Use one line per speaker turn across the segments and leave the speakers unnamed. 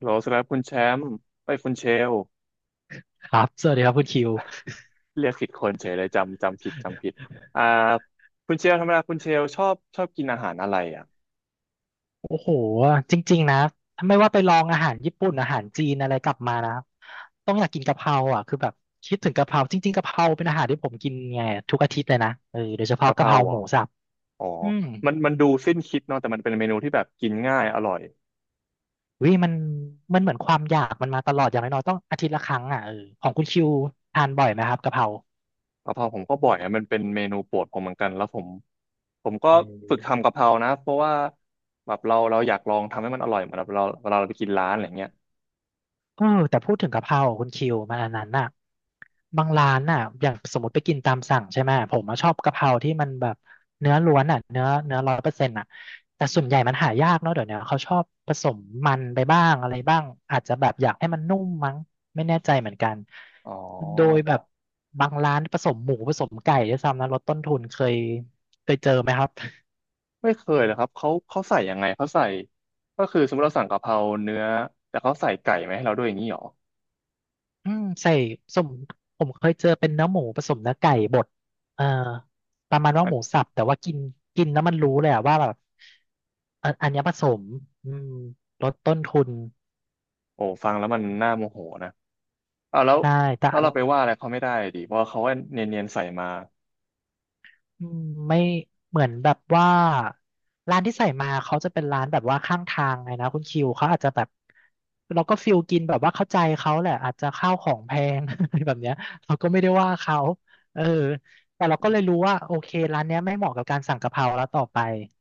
โหลสำหรับคุณแชมป์ไปคุณเชล
ครับสวัสดีครับคุณคิว
เรียกผิดคนเฉยเลยจำผิดจำผิดอ่าคุณเชลธรรมดาคุณเชลชอบกินอาหารอะไรอ่ะ
โอ้โหจริงๆนะถ้าไม่ว่าไปลองอาหารญี่ปุ่นอาหารจีนอะไรกลับมานะต้องอยากกินกะเพราอ่ะคือแบบคิดถึงกะเพราจริงๆกะเพราเป็นอาหารที่ผมกินไงทุกอาทิตย์เลยนะเออโดยเฉพาะ
กะเพ
กะเพ
รา
รา
เหร
ห
อ
มูสับ
อ๋อ
อืม
มันดูสิ้นคิดเนาะแต่มันเป็นเมนูที่แบบกินง่ายอร่อย
วิมันมันเหมือนความอยากมันมาตลอดอย่างน้อยๆต้องอาทิตย์ละครั้งอ่ะเออของคุณคิวทานบ่อยไหมครับกะเพรา
กะเพราผมก็บ่อยอะมันเป็นเมนูโปรดผมเหมือนกันแล้วผมก็
เอ
ฝึก
อ
ทำกะเพรานะเพราะว่าแบบเราอยากลองทำให้มันอร่อยเหมือนแบบเราเวลาเราไปกินร้านอะไรเงี้ย
เออแต่พูดถึงกะเพราคุณคิวมันอันนั้นน่ะบางร้านน่ะอย่างสมมติไปกินตามสั่งใช่ไหมผมอะชอบกะเพราที่มันแบบเนื้อล้วนอ่ะเนื้อร้อยเปอร์เซ็นต์อ่ะแต่ส่วนใหญ่มันหายากเนาะเดี๋ยวเนี้ยเขาชอบผสมมันไปบ้างอะไรบ้างอาจจะแบบอยากให้มันนุ่มมั้งไม่แน่ใจเหมือนกัน
อ๋อ
โดยแบบบางร้านผสมหมูผสมไก่ด้วยซ้ำนะลดต้นทุนเคยเจอไหมครับ
ไม่เคยเลยครับเขาใส่ยังไงเขาใส่ก็คือสมมติเราสั่งกะเพราเนื้อแต่เขาใส่ไก่มาให้เราด้วยอย่างนี้หรอ
อืมใส่สมผมเคยเจอเป็นเนื้อหมูผสมเนื้อไก่บดเอ่อประมาณว่า
อั
หมู
น
สับแต่ว่ากินกินแล้วมันรู้เลยอะว่าแบบอันเนี้ยผสมอืมลดต้นทุน
โอ้ฟังแล้วมันน่าโมโหนะเอาแล้ว
ได้แต่
แล้วเราไปว่าอะไรเขาไม่ได้ดิเพราะเขาก็เนียนๆใส่มา
อืมไม่เหมือนแบบว่าร้านที่ใส่มาเขาจะเป็นร้านแบบว่าข้างทางไงนะคุณคิวเขาอาจจะแบบเราก็ฟิลกินแบบว่าเข้าใจเขาแหละอาจจะข้าวของแพง อะไรแบบเนี้ยเราก็ไม่ได้ว่าเขาเออแต่เราก็เลยรู้ว่าโอเคร้านเนี้ยไม่เหมาะกับการสั่งกะเพราแล้วต่อไป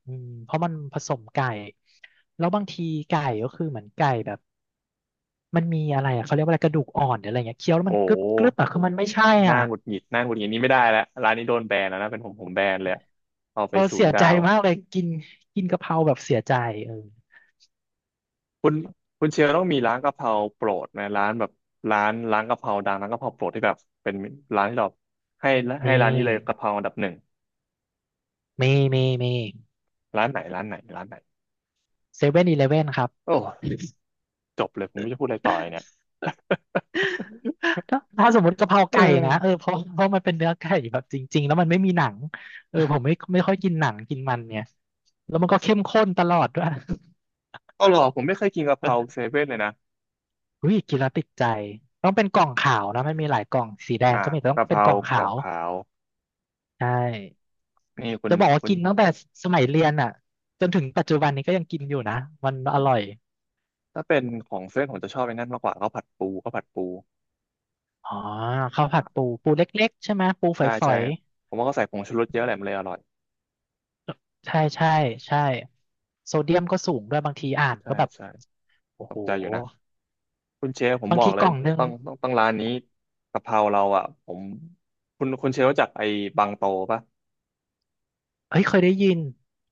อืมเพราะมันผสมไก่แล้วบางทีไก่ก็คือเหมือนไก่แบบมันมีอะไรอะเขาเรียกว่าอะไรกระดูกอ่อนหรืออะไรเงี้ยเคี้ยวแล้ว
โอ
มันกรึบกรึบ
้
อะคือมันไม่ใช่
หน้า
อ่ะ
หงุดหงิดหน้าหงุดหงิดนี่ไม่ได้แล้วร้านนี้โดนแบนแล้วนะเป็นผมแบนเลยอะเอาไป
เออ
ศู
เสี
น
ย
ย์ดา
ใจ
ว
มากเลยกินกินกะเพราแบบเสียใจเออ
คุณคุณเชียร์ต้องมีร้านกะเพราโปรดไหมร้านแบบร้านกะเพราดังร้านกะเพราโปรดที่แบบเป็นร้านที่เราให้ให้
มี
ร้านนี้เลยกะเพราอันดับหนึ่ง
มีมี
ร้านไหน
เซเว่นอีเลเว่นครับ
โอ้จบเลยผมไม่รู้จะพูดอะไรต่อเลยเนี่ย
ถ้าสมมติกะเพรา
เอ
ไก่นะเออ
อ
เพราะมันเป็นเนื้อไก่แบบจริงๆแล้วมันไม่มีหนังเออผมไม่ค่อยกินหนังกินมันเนี่ยแล้วมันก็เข้มข้นตลอดด้วย
เอาหรอผมไม่เคยกินกะเพราเซเว่นเลยนะ
อุ้ยกินแล้วติดใจต้องเป็นกล่องขาวนะมันมีหลายกล่องสีแดง
อ่า
ก็มีแต่ต้อง
กะเพ
เป็น
รา
กล่อง
ก
ขา
ล่อง
ว
ขาว
ใช่
นี่คุณ
จะบอกว่า
คุณ
กินตั้งแต่สมัยเรียนอ่ะจนถึงปัจจุบันนี้ก็ยังกินอยู่นะมันอร่อย
ถ้าเป็นของเซเว่นผมจะชอบไอ้นั่นมากกว่าข้าวผัดปู
อ๋อข้าวผัดปูปูเล็กๆใช่ไหมปู
ใช่
ฝอ
ใช่
ย
ผมว่าเขาใส่ผงชูรสเยอะแหละมันเลยอร่อย
ๆใช่ใช่ใช่โซเดียมก็สูงด้วยบางทีอ่าน
ใช่
ก็แบบ
ใช่
โอ้
ต
โห
กใจอยู่นะคุณเชฟผม
บาง
บอ
ที
กเล
ก
ย
ล่องหนึ่ง
ต้องร้านนี้กะเพราเราอ่ะผมคุณเชฟรู้จักไอ้บางโตปะ
เฮ้ยเคยได้ยิน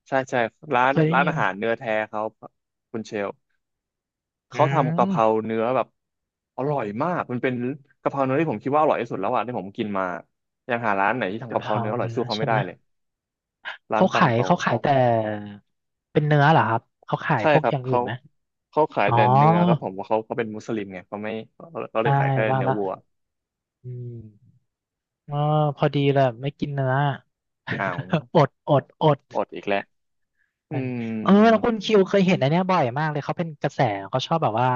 ใช่ใช่ร้าน
เคยได้
ร้าน
ยิ
อา
น
หารเนื้อแท้เขาคุณเชล
อื
เขาทำกะเพรา
ม
เนื้อแบบอร่อยมากมันเป็นกะเพราเนื้อที่ผมคิดว่าอร่อยที่สุดแล้วอะที่ผมกินมายังหาร้านไหนที่ทำ
กะ
กะ
เพ
เพรา
รา
เนื้ออร่อย
เนื้อ
สู้เขา
ใช่
ไม่
ไห
ได้
ม
เลยร้าน
เขา
ปัง
ขาย
โต
เขาขายแต่เป็นเนื้อเหรอครับเขาขาย
ใช่
พวก
ครั
อ
บ
ย่างอื่
เขา
นไหม
เขาขาย
อ๋อ
แต่เนื้อครับผมว่าะเขาก็เป็นมุสลิมไงเขาไม่เล
ใช่
ยขายแค่
ว่า
เนื้อ
ละ
วัว
อืมเออพอดีเลยไม่กินเนื้อ
อ้าว
อด
อดอีกแล้ว
เอ
อื
อเออแล้ว
ม
คุณคิวเคยเห็นอันเนี้ยบ่อยมากเลยเขาเป็นกระแสเขาชอบแบบว่า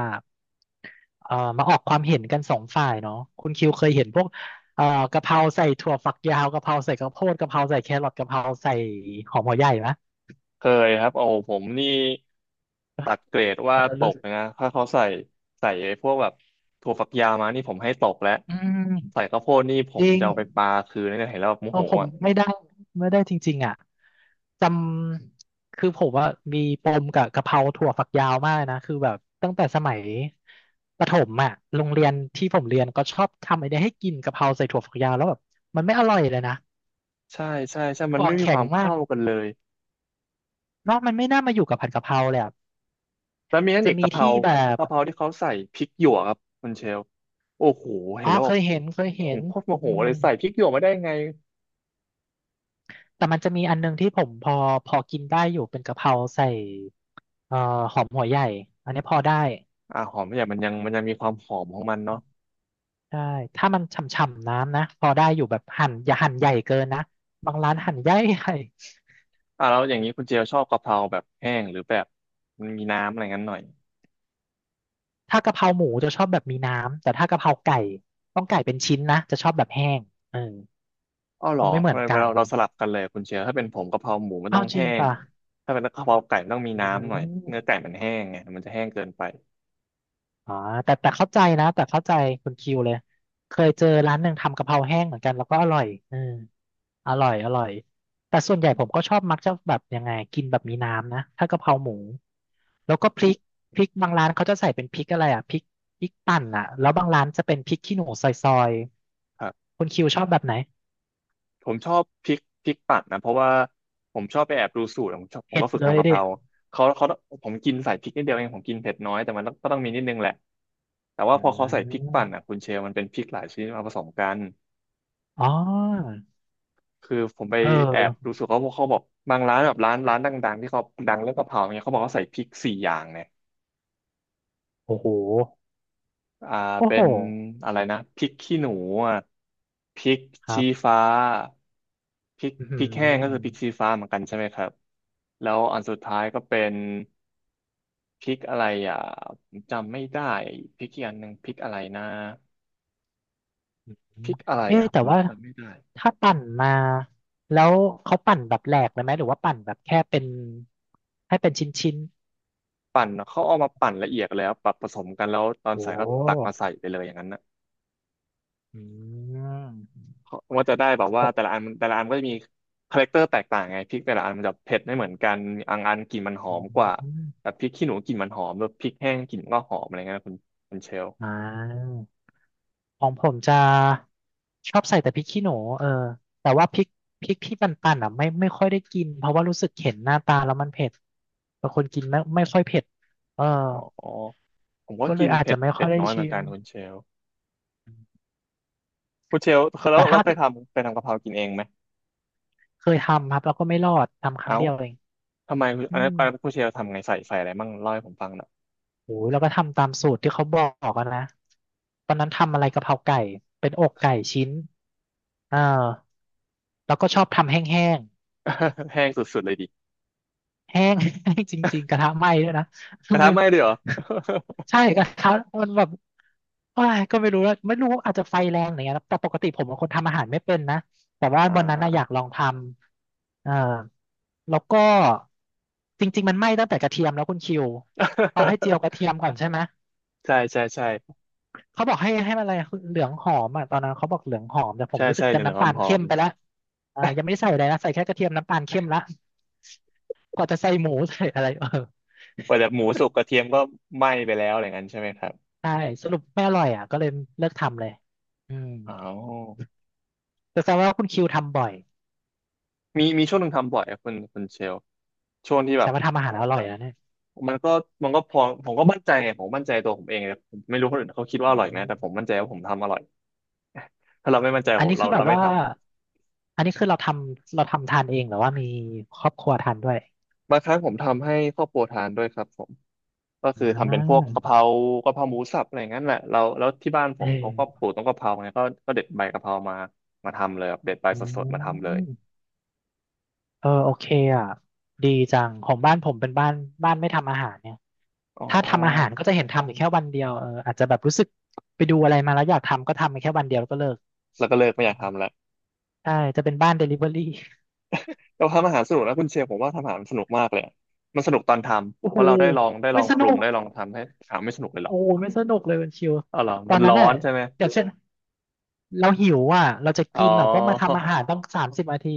เออมาออกความเห็นกันสองฝ่ายเนาะคุณคิวเคยเห็นพวกเออกะเพราใส่ถั่วฝักยาวกะเพราใส่กระโพดกะเพราใส่แครอทกะเพราใส่หอมหัวใหญ่ไหม
เคยครับโอ้ผมนี่ตัดเกรด
เอ
ว่า
อ
ต
รู้
กเลยนะถ้าเขาใส่ใส่ไอ้พวกแบบถั่วฝักยาวมานี่ผมให้ตกแล้ว
อื
ใส่
ม
ข้าวโพดนี่ผ
จ
ม
ริง
จะเอาไปปาคืนนี่เห็นแล้วแบบโม
เพ
โห
ราะผมไม่ได้จริงๆอ่ะจำคือผมว่ามีปมกับกะเพราถั่วฝักยาวมากนะคือแบบตั้งแต่สมัยประถมอ่ะโรงเรียนที่ผมเรียนก็ชอบทำไอเดียให้กินกะเพราใส่ถั่วฝักยาวแล้วแบบมันไม่อร่อยเลยนะ
ใช่ใช่ใช่มั
ถั่
น
ว
ไม่
อ่า
มีค
แข็ง
วาม
มา
เข้า
ก
กันเลย
เนอะมันไม่น่ามาอยู่กับผัดกะเพราเลยอะ
แล้วมีอัน
จะ
อีก
มี
กะเพรา
ที่แบบ
กะเพราที่เขาใส่พริกหยวกครับคุณเชลโอ้โหเห็
อ๋
น
อ
แล้ว
เค
แบบ
ยเห็นเคยเห็
ผม
น
โคตรโมโห
อืม
เลยใส่พริกหยวกมาได้ไง
แต่มันจะมีอันนึงที่ผมพอกินได้อยู่เป็นกะเพราใส่เอ่อหอมหัวใหญ่อันนี้พอได้
อ่าหอมเนี่ยมันยังมีความหอมของมันเนาะ
ใช่ถ้ามันฉ่ำๆน้ำนะพอได้อยู่แบบหั่นอย่าหั่นใหญ่เกินนะ บางร้านหั่นใหญ่ ๆ
อ่าแล้วอย่างนี้คุณเจลชอบกะเพราแบบแห้งหรือแบบมันมีน้ำอะไรงั้นหน่อย
ถ้ากะเพราหมูจะชอบแบบมีน้ำ แต่ถ้ากะเพราไก่ต้องไก่เป็นชิ้นนะ จะชอบแบบแห้งเออ
อ้อเหรอ
มันไม่เหมือ
เรา
นกัน
เราเราสลับกันเลยคุณเชลถ้าเป็นผมกะเพราหมูมันต้
อ้า
อ
ว
ง
จริ
แห้
ง
ง
ป่ะ
ถ้าเป็นกะเพราไก่มันต้องมี
อื
น้ำหน่อยเนื้
ม
อไก่มันแห้งไงมันจะแห้งเกินไป
อ๋อแต่เข้าใจนะ แต่เข้าใจคุณคิวเลย เคยเจอร้านหนึ่งทำกะเพราแห้งเหมือนกันแล้วก็อร่อยเออ อร่อยอร่อยแต่ส่วนใหญ่ผมก็ชอบมักจะแบบยังไงกินแบบมีน้ำนะถ้ากะเพราหมูแล้วก็พริกพริกบางร้านเขาจะใส่เป็นพริกอะไรอ่ะพริกปั่นอ่ะแล้วบางร้านจะเป็นพริกขี้หนูซอยๆคุณคิวชอบแบบไหน
ผมชอบพริกปั่นนะเพราะว่าผมชอบไปแอบดูสูตรผมชอบผม
เผ็
ก็
ด
ฝึก
เล
ทำ
ย
กะเพ
ดิ
ราเขาเขาผมกินใส่พริกนิดเดียวเองผมกินเผ็ดน้อยแต่มันต้องก็ต้องมีนิดนึงแหละแต่ว่า
อื
พอเขาใส่พริกปั่นอ่ะ
ม
คุณเชลมันเป็นพริกหลายชนิดมาผสมกัน
อ๋อ
คือผมไป
เอ
แอบดู
อ
สูตรเขาเพราะเขาบอกบางร้านแบบร้านดังๆที่เขาดังเรื่องกะเพราเนี่ยเขาบอกเขาใส่พริกสี่อย่างเนี่ย
โอ้โห
อ่า
โอ้
เป็
โห
นอะไรนะพริกขี้หนูอ่ะพริก
ครั
ชี้
บ
ฟ้าพริก
อื
พริกแห้งก็
ม
คือพริกชี้ฟ้าเหมือนกันใช่ไหมครับแล้วอันสุดท้ายก็เป็นพริกอะไรอ่ะผมจำไม่ได้พริกอีกอันหนึ่งพริกอะไรนะพริกอะไร
เอ๊ะ
อ่ะผ
แต่
ม
ว่า
จำไม่ได้
ถ้าปั่นมาแล้วเขาปั่นแบบแหลกเลยไหมหรือว่าปั่นแบบแค่เป็นให้เป็นชิ้นๆ
ปั่นเขาเอามาปั่นละเอียดแล้วปรับผสมกันแล้วตอน
โอ้
ใส่ก็ตักมาใส่ไปเลยอย่างนั้นนะ
อืม
ว่าจะได้แบบ
ผ
ว่าแต่ละ
ม
อันแต่ละอันก็จะมีคาแรคเตอร์แตกต่างไงพริกแต่ละอันมันจะเผ็ดไม่เหมือนกันอันกลิ่นมันหอ
อื
มกว่าแบ
ม
บพริกขี้หนูกลิ่นมันหอมแบบพริกแห้งกลิ่นก็หอมอะไรเงี้ยคุณคุณเชล
อ่าของผมจะชอบใส่แต่พริกขี้หนูเออแต่ว่าพริกที่ปั่นๆอ่ะไม่ค่อยได้กินเพราะว่ารู้สึกเห็นหน้าตาแล้วมันเผ็ดบางคนกินไม่ค่อยเผ็ดเออ
อ๋อผมก็
ก็เล
กิ
ย
น
อาจ
เผ็
จะ
ด
ไม่ค่
เผ็
อ
ด
ยได้
น้อยเหมือ
ชิ
นกั
ม
นคุณเชลคุณเชลเคยแล้ว
แต่
เรา
ถ้า
เคยทำกะเพรากินเองไหม
เคยทำครับแล้วก็ไม่รอดทำครั้ง
เอ้า
เดียวเอง
ทำไมคุณ
อื
อันนั้
ม
นอันนั้นคุณเชลทำไงใส่อะไรมั่งเล่าให้ผมฟังหน่อย
โอ้ยแล้วก็ทำตามสูตรที่เขาบอกอะนะตอนนั้นทำอะไรกะเพราไก่เป็นอกไก่ชิ้นเออ แล้วก็ชอบทำแห้ง
แห้งสุดๆเลยดิ
ๆแห้ง แห้ง จริงๆกระทะไหม้ด้วยนะ
กระทะไหม้ด้วยเหรอ
ใช่กระทะมันแบบโอ้ยก็ไม่รู้อาจจะไฟแรงหรือไงนะแต่ปกติผมเป็นคนทำอาหารไม่เป็นนะแต่ว่า
อ่า
วันนั้นนะอยากลองทำเออแล้วก็จริงๆมันไหม้ตั้งแต่กระเทียมแล้วคุณคิวเขาให้เจียวกระเทีย มก่อนใช่ไหม
ใช่ใช่ใช่
เขาบอกให้มันอะไรเหลืองหอมอ่ะตอนนั้นเขาบอกเหลืองหอมแต่ผม
ใช่
รู้สึ
ใช่
ก
เห
จะ
ลือง
น้ำตาล
ๆหอ
เข้ม
ม
ไป
ๆ
แล้วยังไม่ได้ใส่อะไรนะใส่แค่กระเทียมน้ำตาลเข้มละ กว่าจะใส่หมูใส่อะไรเออ
กว่าจะหมูสุกกระเทียมก็ไหม้ไปแล้วอะไรเงน้ยใช่ไหมครับ
ใช่สรุปไม่อร่อยอ่ะก็เลยเลิกทำเลยอืม
อ๋อ
แต่แสดงว่าคุณคิวทำบ่อย
มีช่วงหนึ่งทำบ่อยครับคุณเชลช่วงที่แบ
แสด
บ
งว่าทำอาหารอร่อยแล้วเนี่ย
มันก็มันก็พอผมก็มั่นใจไงผมมั่นใจตัวผมเองเลยผมไม่รู้คนอื่นเขาคิดว่า
อื
อร่อยไหมแต่
ม
ผมมั่นใจว่าผมทำอร่อย ถ้าเราไม่มั่นใจ
อัน
ผม
นี้
เรา
คือแบ
เรา
บ
ไม่
ว่า
ท
อันนี้คือเราทำทานเองหรือว่ามีครอบครัวทานด้วย
ำบางครั้งผมทำให้ครอบครัวทานด้วยครับผมก็
อ่
คือทำเป็นพวก
า
กะเพรากะเพราหมูสับอะไรอย่างนั้นแหละเราแล้วที่บ้านผ
เอ
มเขาก็ป
อ
ลูกต้นกะเพราไงก็เด็ดใบกะเพรามามาทำเลยครับเด็ดใบ
อื
สดๆมาทำเลย
มเออโอเคอ่ะดีจังของบ้านผมเป็นบ้านไม่ทำอาหารเนี่ย
อ๋
ถ้าทำอาหาร
อ
ก็จะเห็นทำอยู่แค่วันเดียวเอออาจจะแบบรู้สึกไปดูอะไรมาแล้วอยากทำก็ทำไปแค่วันเดียวแล้วก็เลิก
แล้วก็เลิกไม่อยากทำละ
ใช่จะเป็นบ้านเดลิเวอรี่
เราทำอาหารสนุกนะคุณเชลผมว่าทำอาหารสนุกมากเลยอะมันสนุกตอนท
โอ้
ำ เพ
โห
ราะเราได้ลองได้ล
ไม่
อง
ส
ป
นุ
รุง
ก
ได้ลองทำให้ถามไม่สนุกเลยหรอ
โอ้
ก
โหไม่สนุกเลยมันชิว
อ๋อเหรอ
ตอ
มั
น
น
นั้
ร้
น
อ
น่ะ
นใช่ไหม
อย่างเช่นเราหิวอ่ะเราจะ
อ๋อ
กินอ่ะต้องมาทำ อาหารต้อง30 นาที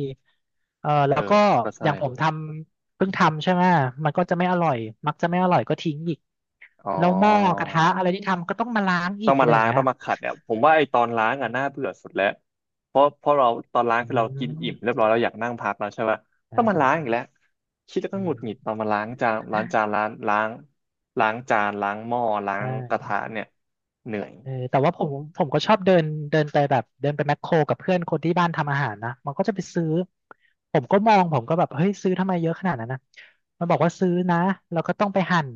เออแล้
เออ
วก็
ก็
อ
ใช่
ย่างผ
เน
ม
อะ
ทำเพิ่งทำใช่ไหมมันก็จะไม่อร่อยมักจะไม่อร่อยก็ทิ้งอีก
อ๋อ
แล้วหม้อกระทะอะไรที่ทำก็ต้องมาล้าง
ต้
อี
อ
ก
ง
อะ
มา
ไรอ
ล้า
ย่าง
ง
เงี้
ต้
ย
องมาขัดเนี่ยผมว่าไอ้ตอนล้างอ่ะน่าเบื่อสุดแล้วเพราะเราตอนล้าง
อื
คือเรากินอิ่มเรีย
ม
บร้อยเราอยากนั่งพักแล้วใช่ปะ
ใช
ต้องมาล้า
่
งอีกแล้วคิดแล้วก็
อื
หงุด
ม
หงิดตอนมาล้างจานล้างจานล้างล้างจานล้างหม้อล้า
ใช
งกระ
่
ทะเนี่ยเหนื่อย
เออแต่ว่าผมก็ชอบเดินเดินไปแบบเดินไปแมคโครกับเพื่อนคนที่บ้านทำอาหารนะมันก็จะไปซื้อผมก็มองผมก็แบบเฮ้ยซื้อทำไมเยอะขนาดนั้นนะมันบอกว่าซื้อนะแล้วก็ต้องไปหั่น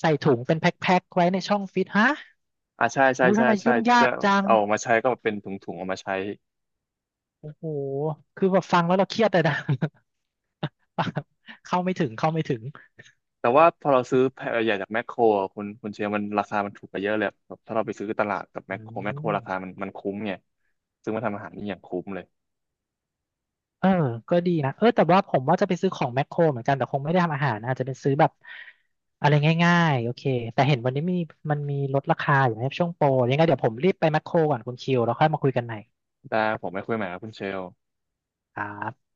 ใส่ถุงเป็นแพ็คๆไว้ในช่องฟิตฮะ
อ่าใช่ใช่
อู้ทำ
ใช่
ไม
ใช่
ยุ่งยา
จะ
กจัง
เอาออกมาใช้ก็เป็นถุงๆออกมาใช้
โอ้โหคือแบบฟังแล้วเราเครียดเลยนะ ฟังเข้าไม่ถึง
แต่ว่าพอเราซื้อแพ็คใหญ่จากแมคโครอะคุณเชียร์มันราคามันถูกกว่าเยอะเลยแบบถ้าเราไปซื้อตลาดกับแม
อื
คโครแมคโคร
ม
ราคามันคุ้มไงซึ่งมาทำอาหารนี่อย่างคุ้มเลย
เออก็ดีนะเออแต่ว่าผมว่าจะไปซื้อของแมคโครเหมือนกัน แต่คงไม่ได้ทำอาหารนะอาจจะเป็นซื้อแบบอะไรง่ายๆ โอเค แต่เห็นวันนี้มีมันมีลดราคาอยู่ในะช่วงโปรยังไงเดี๋ยวผมรีบไปแมคโครก่อนคุณคิวแล้วค่อยมาคุยกันใหม่
ได้ผมไม่คุยใหม่ครับคุณเชล
ครับ